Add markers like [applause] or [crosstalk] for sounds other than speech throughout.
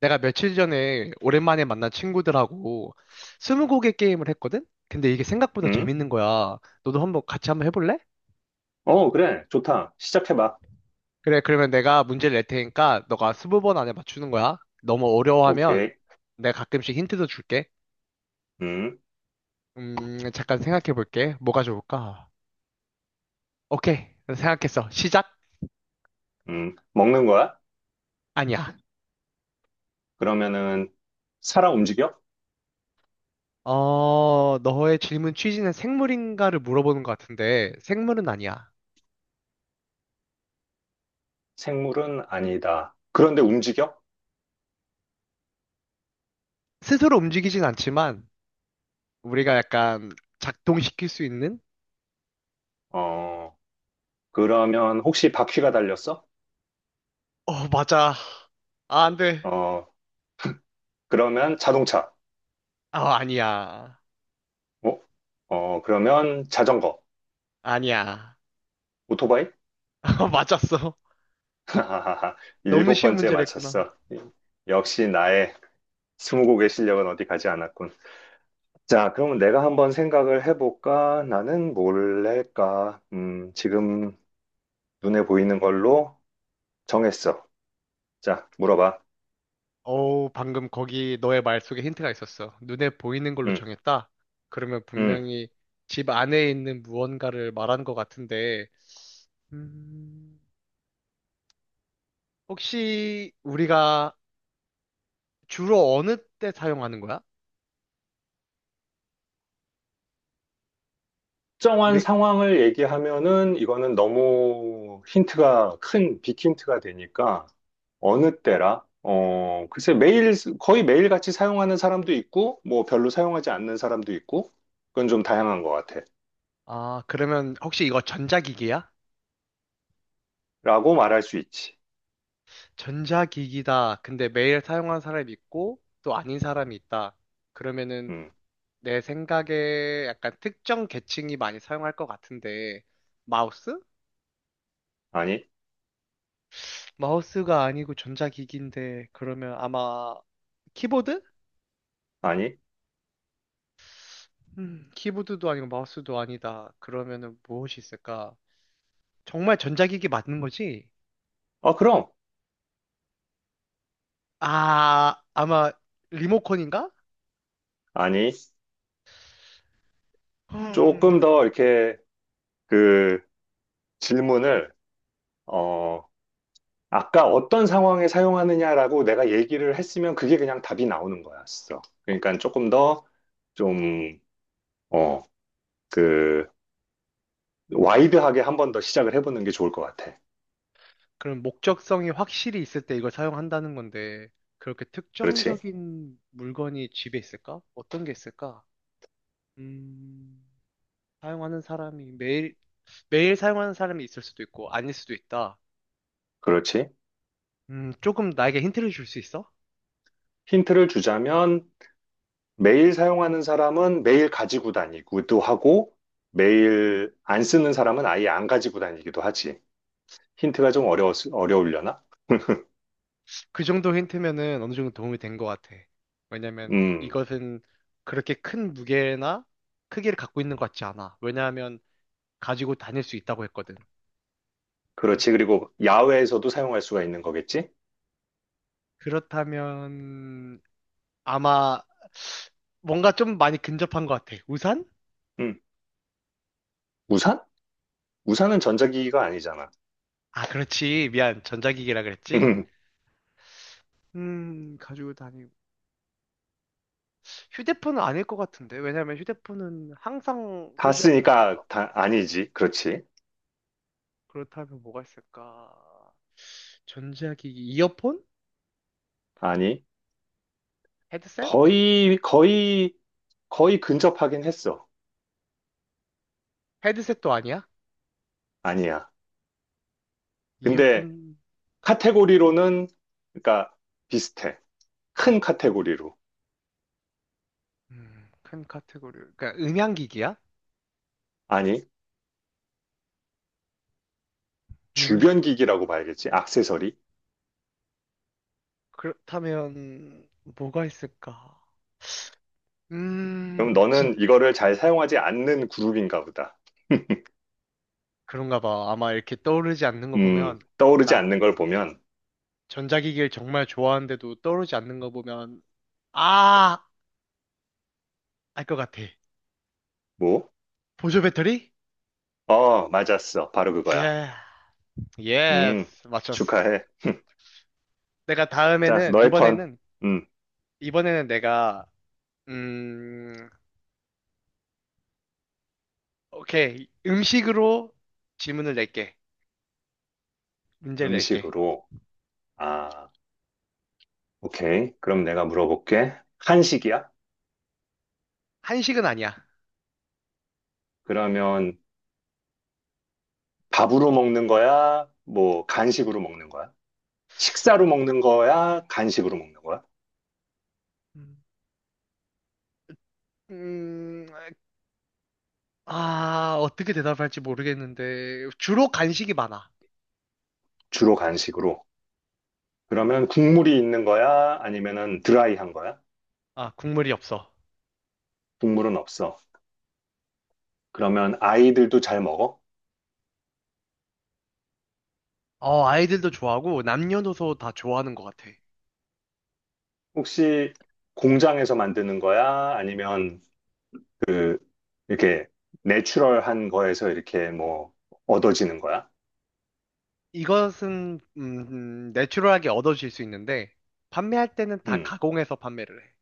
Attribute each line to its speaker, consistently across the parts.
Speaker 1: 내가 며칠 전에 오랜만에 만난 친구들하고 스무고개 게임을 했거든? 근데 이게 생각보다
Speaker 2: 응?
Speaker 1: 재밌는 거야. 너도 한번 같이 한번 해볼래?
Speaker 2: 어, 그래. 좋다. 시작해봐.
Speaker 1: 그래, 그러면 내가 문제를 낼 테니까 너가 스무 번 안에 맞추는 거야. 너무 어려워하면
Speaker 2: 오케이.
Speaker 1: 내가 가끔씩 힌트도 줄게.
Speaker 2: 음,
Speaker 1: 잠깐 생각해 볼게. 뭐가 좋을까? 오케이. 생각했어. 시작?
Speaker 2: 먹는 거야?
Speaker 1: 아니야.
Speaker 2: 그러면은, 살아 움직여?
Speaker 1: 어, 너의 질문 취지는 생물인가를 물어보는 것 같은데 생물은 아니야.
Speaker 2: 생물은 아니다. 그런데 움직여?
Speaker 1: 스스로 움직이진 않지만 우리가 약간 작동시킬 수 있는.
Speaker 2: 어, 그러면 혹시 바퀴가 달렸어?
Speaker 1: 어, 맞아. 아, 안 돼.
Speaker 2: 어, 그러면 자동차.
Speaker 1: 아, 아니야.
Speaker 2: 어? 어, 그러면 자전거.
Speaker 1: 아니야.
Speaker 2: 오토바이?
Speaker 1: [laughs] 어, 맞았어.
Speaker 2: [laughs] 하하하.
Speaker 1: 너무
Speaker 2: 일곱
Speaker 1: 쉬운
Speaker 2: 번째
Speaker 1: 문제를 했구나.
Speaker 2: 맞췄어. 역시 나의 스무고개 실력은 어디 가지 않았군. 자, 그러면 내가 한번 생각을 해볼까? 나는 뭘 할까? 지금 눈에 보이는 걸로 정했어. 자, 물어봐.
Speaker 1: 어우, 방금 거기 너의 말 속에 힌트가 있었어. 눈에 보이는 걸로
Speaker 2: 음,
Speaker 1: 정했다? 그러면
Speaker 2: 음.
Speaker 1: 분명히 집 안에 있는 무언가를 말한 것 같은데, 음, 혹시 우리가 주로 어느 때 사용하는 거야?
Speaker 2: 특정한
Speaker 1: 우리,
Speaker 2: 상황을 얘기하면은 이거는 너무 힌트가 큰 빅힌트가 되니까. 어느 때라, 글쎄, 매일 거의 매일 같이 사용하는 사람도 있고, 뭐 별로 사용하지 않는 사람도 있고, 그건 좀 다양한 것
Speaker 1: 아, 그러면 혹시 이거 전자기기야?
Speaker 2: 같아라고 말할 수 있지.
Speaker 1: 전자기기다. 근데 매일 사용하는 사람이 있고 또 아닌 사람이 있다. 그러면은
Speaker 2: 음
Speaker 1: 내 생각에 약간 특정 계층이 많이 사용할 것 같은데 마우스?
Speaker 2: 아니.
Speaker 1: 마우스가 아니고 전자기기인데 그러면 아마 키보드?
Speaker 2: 아니.
Speaker 1: 키보드도 아니고 마우스도 아니다. 그러면은 무엇이 있을까? 정말 전자기기 맞는 거지?
Speaker 2: 어, 그럼.
Speaker 1: 아, 아마 리모컨인가?
Speaker 2: 아니. 조금
Speaker 1: 음,
Speaker 2: 더 이렇게 그 질문을, 어 아까 어떤 상황에 사용하느냐라고 내가 얘기를 했으면 그게 그냥 답이 나오는 거였어. 그러니까 조금 더 좀, 어, 그, 와이드하게 한번 더 시작을 해보는 게 좋을 것 같아.
Speaker 1: 그럼 목적성이 확실히 있을 때 이걸 사용한다는 건데, 그렇게
Speaker 2: 그렇지?
Speaker 1: 특정적인 물건이 집에 있을까? 어떤 게 있을까? 음, 사용하는 사람이 매일, 매일 사용하는 사람이 있을 수도 있고, 아닐 수도 있다.
Speaker 2: 그렇지?
Speaker 1: 조금 나에게 힌트를 줄 수 있어?
Speaker 2: 힌트를 주자면, 매일 사용하는 사람은 매일 가지고 다니기도 하고, 매일 안 쓰는 사람은 아예 안 가지고 다니기도 하지. 힌트가 좀 어려우려나?
Speaker 1: 그 정도 힌트면은 어느 정도 도움이 된 것 같아. 왜냐면
Speaker 2: 음,
Speaker 1: 이것은 그렇게 큰 무게나 크기를 갖고 있는 것 같지 않아. 왜냐하면 가지고 다닐 수 있다고 했거든.
Speaker 2: 그렇지. 그리고 야외에서도 사용할 수가 있는 거겠지?
Speaker 1: 그렇다면, 아마 뭔가 좀 많이 근접한 것 같아. 우산?
Speaker 2: 음, 우산? 우산은 전자기기가 아니잖아.
Speaker 1: 아, 그렇지. 미안. 전자기기라
Speaker 2: [laughs]
Speaker 1: 그랬지.
Speaker 2: 음,
Speaker 1: 가지고 다니고. 휴대폰은 아닐 것 같은데. 왜냐면 휴대폰은 항상 소지하고
Speaker 2: 봤으니까
Speaker 1: 다니니까.
Speaker 2: 다 아니지. 그렇지.
Speaker 1: 그렇다면 뭐가 있을까? 전자기기, 이어폰?
Speaker 2: 아니.
Speaker 1: 헤드셋?
Speaker 2: 거의, 거의, 거의 근접하긴 했어.
Speaker 1: 헤드셋도 아니야?
Speaker 2: 아니야. 근데
Speaker 1: 이어폰,
Speaker 2: 카테고리로는, 그러니까, 비슷해. 큰 카테고리로.
Speaker 1: 큰 카테고리. 그러니까 음향기기야?
Speaker 2: 아니. 주변
Speaker 1: 음향기?
Speaker 2: 기기라고 봐야겠지. 액세서리.
Speaker 1: 그렇다면 뭐가 있을까?
Speaker 2: 그럼
Speaker 1: 진짜
Speaker 2: 너는 이거를 잘 사용하지 않는 그룹인가 보다.
Speaker 1: 그런가 봐. 아마 이렇게 떠오르지 않는 거 보면,
Speaker 2: 떠오르지
Speaker 1: 나
Speaker 2: 않는 걸 보면,
Speaker 1: 전자기기를 정말 좋아하는데도 떠오르지 않는 거 보면, 아! 알 것 같아.
Speaker 2: 뭐?
Speaker 1: 보조 배터리?
Speaker 2: 어, 맞았어. 바로 그거야.
Speaker 1: 예,
Speaker 2: 음,
Speaker 1: 예스. 맞췄어.
Speaker 2: 축하해.
Speaker 1: 내가
Speaker 2: 자,
Speaker 1: 다음에는,
Speaker 2: 너의 턴.
Speaker 1: 이번에는,
Speaker 2: 음,
Speaker 1: 이번에는 내가, 음, 오케이. 음식으로 질문을 낼게. 문제를 낼게.
Speaker 2: 음식으로. 아. 오케이. 그럼 내가 물어볼게. 한식이야?
Speaker 1: 한식은 아니야.
Speaker 2: 그러면 밥으로 먹는 거야? 뭐 간식으로 먹는 거야? 식사로 먹는 거야? 간식으로 먹는 거야?
Speaker 1: 음, 음, 아, 어떻게 대답할지 모르겠는데, 주로 간식이 많아.
Speaker 2: 주로 간식으로. 그러면 국물이 있는 거야? 아니면은 드라이한 거야?
Speaker 1: 아, 국물이 없어.
Speaker 2: 국물은 없어. 그러면 아이들도 잘 먹어?
Speaker 1: 어, 아이들도 좋아하고 남녀노소 다 좋아하는 것 같아.
Speaker 2: 혹시 공장에서 만드는 거야? 아니면 그 이렇게 내추럴한 거에서 이렇게 뭐 얻어지는 거야?
Speaker 1: 이것은 내추럴하게 얻어질 수 있는데 판매할 때는 다
Speaker 2: 음.
Speaker 1: 가공해서 판매를 해.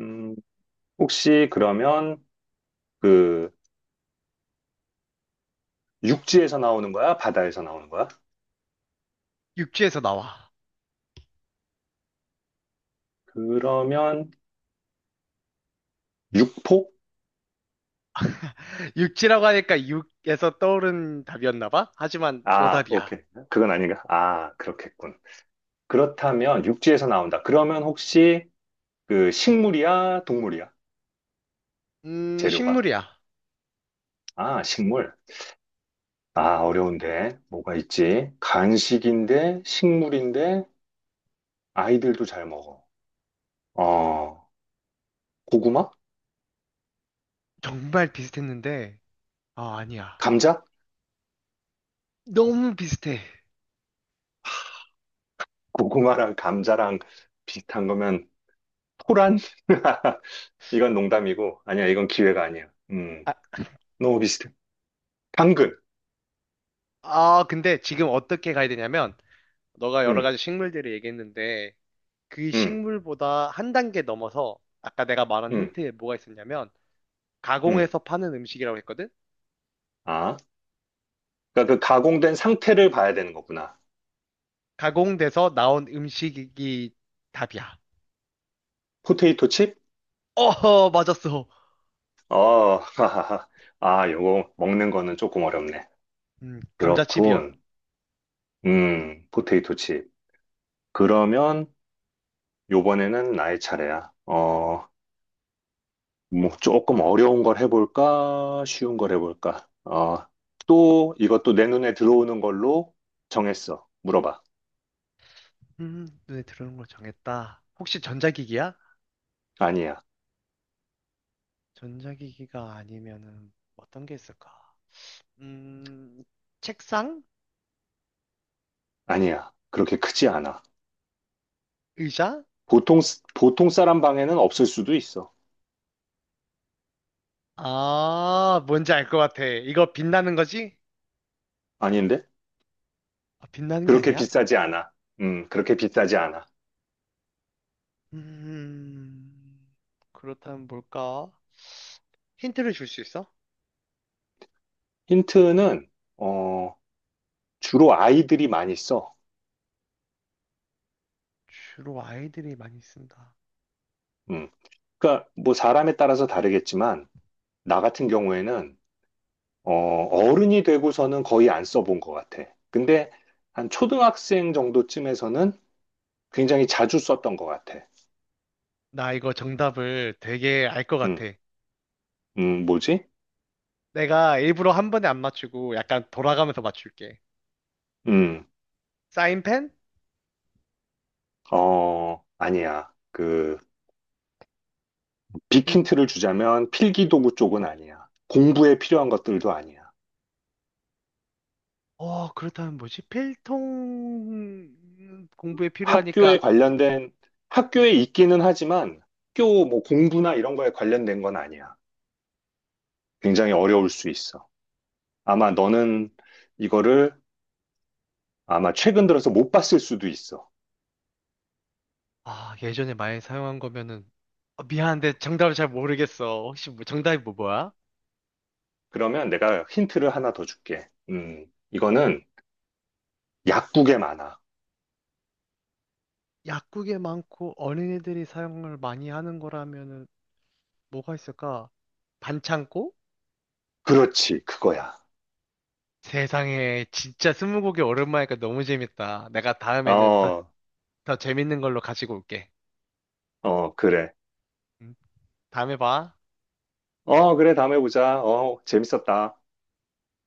Speaker 2: 음, 혹시 그러면 그 육지에서 나오는 거야? 바다에서 나오는 거야?
Speaker 1: 육지에서 나와.
Speaker 2: 그러면 육포?
Speaker 1: [laughs] 육지라고 하니까 육에서 떠오른 답이었나 봐. 하지만
Speaker 2: 아,
Speaker 1: 오답이야.
Speaker 2: 오케이. 그건 아닌가? 아, 그렇겠군. 그렇다면 육지에서 나온다. 그러면 혹시 그 식물이야? 동물이야? 재료가?
Speaker 1: 식물이야.
Speaker 2: 아, 식물. 아, 어려운데. 뭐가 있지? 간식인데, 식물인데, 아이들도 잘 먹어. 어, 고구마?
Speaker 1: 정말 비슷했는데 아, 아니야.
Speaker 2: 감자?
Speaker 1: 너무 비슷해.
Speaker 2: 고구마랑 감자랑 비슷한 거면 토란? [laughs] 이건 농담이고, 아니야, 이건 기회가 아니야.
Speaker 1: 아,
Speaker 2: 너무 비슷해. 당근.
Speaker 1: 근데 지금 어떻게 가야 되냐면 너가 여러
Speaker 2: 음,
Speaker 1: 가지 식물들을 얘기했는데 그
Speaker 2: 음,
Speaker 1: 식물보다 한 단계 넘어서 아까 내가 말한
Speaker 2: 음,
Speaker 1: 힌트에 뭐가 있었냐면
Speaker 2: 음.
Speaker 1: 가공해서 파는 음식이라고 했거든?
Speaker 2: 아, 그러니까 그 가공된 상태를 봐야 되는 거구나.
Speaker 1: 가공돼서 나온 음식이 답이야.
Speaker 2: 포테이토 칩?
Speaker 1: 어허, 맞았어.
Speaker 2: 어, 하하하. 아, 요거 먹는 거는 조금 어렵네.
Speaker 1: 감자칩이었.
Speaker 2: 그렇군. 포테이토 칩. 그러면 요번에는 나의 차례야. 뭐 조금 어려운 걸 해볼까? 쉬운 걸 해볼까? 또 이것도 내 눈에 들어오는 걸로 정했어. 물어봐.
Speaker 1: 눈에 들어오는 걸 정했다. 혹시 전자기기야?
Speaker 2: 아니야,
Speaker 1: 전자기기가 아니면은 어떤 게 있을까? 음, 책상?
Speaker 2: 아니야. 그렇게 크지 않아.
Speaker 1: 의자?
Speaker 2: 보통, 보통 사람 방에는 없을 수도 있어.
Speaker 1: 아, 뭔지 알 것 같아. 이거 빛나는 거지?
Speaker 2: 아닌데?
Speaker 1: 아, 빛나는 게
Speaker 2: 그렇게
Speaker 1: 아니야?
Speaker 2: 비싸지 않아. 그렇게 비싸지 않아.
Speaker 1: 음, 그렇다면 뭘까? 힌트를 줄 수 있어?
Speaker 2: 힌트는, 어, 주로 아이들이 많이 써.
Speaker 1: 주로 아이들이 많이 쓴다.
Speaker 2: 음, 그러니까 뭐 사람에 따라서 다르겠지만, 나 같은 경우에는, 어른이 되고서는 거의 안 써본 것 같아. 근데 한 초등학생 정도쯤에서는 굉장히 자주 썼던 것 같아.
Speaker 1: 나 이거 정답을 되게 알 것 같아.
Speaker 2: 음, 뭐지?
Speaker 1: 내가 일부러 한 번에 안 맞추고 약간 돌아가면서 맞출게.
Speaker 2: 음,
Speaker 1: 사인펜?
Speaker 2: 아니야. 그,
Speaker 1: 음,
Speaker 2: 빅힌트를 주자면 필기도구 쪽은 아니야. 공부에 필요한 것들도 아니야.
Speaker 1: 그렇다면 뭐지? 필통 공부에
Speaker 2: 학교에
Speaker 1: 필요하니까,
Speaker 2: 관련된, 학교에 있기는 하지만 학교 뭐 공부나 이런 거에 관련된 건 아니야. 굉장히 어려울 수 있어. 아마 너는 이거를 아마 최근 들어서 못 봤을 수도 있어.
Speaker 1: 아, 예전에 많이 사용한 거면은, 미안한데 정답을 잘 모르겠어. 혹시 뭐, 정답이 뭐야?
Speaker 2: 그러면 내가 힌트를 하나 더 줄게. 이거는 약국에 많아.
Speaker 1: 약국에 많고 어린이들이 사용을 많이 하는 거라면은 뭐가 있을까? 반창고?
Speaker 2: 그렇지, 그거야.
Speaker 1: 세상에, 진짜 스무고개 오랜만이니까 너무 재밌다. 내가 다음에는 더,
Speaker 2: 어,
Speaker 1: 더 재밌는 걸로 가지고 올게.
Speaker 2: 어, 그래.
Speaker 1: 음, 다음에 봐.
Speaker 2: 어, 그래, 다음에 보자. 어, 재밌었다.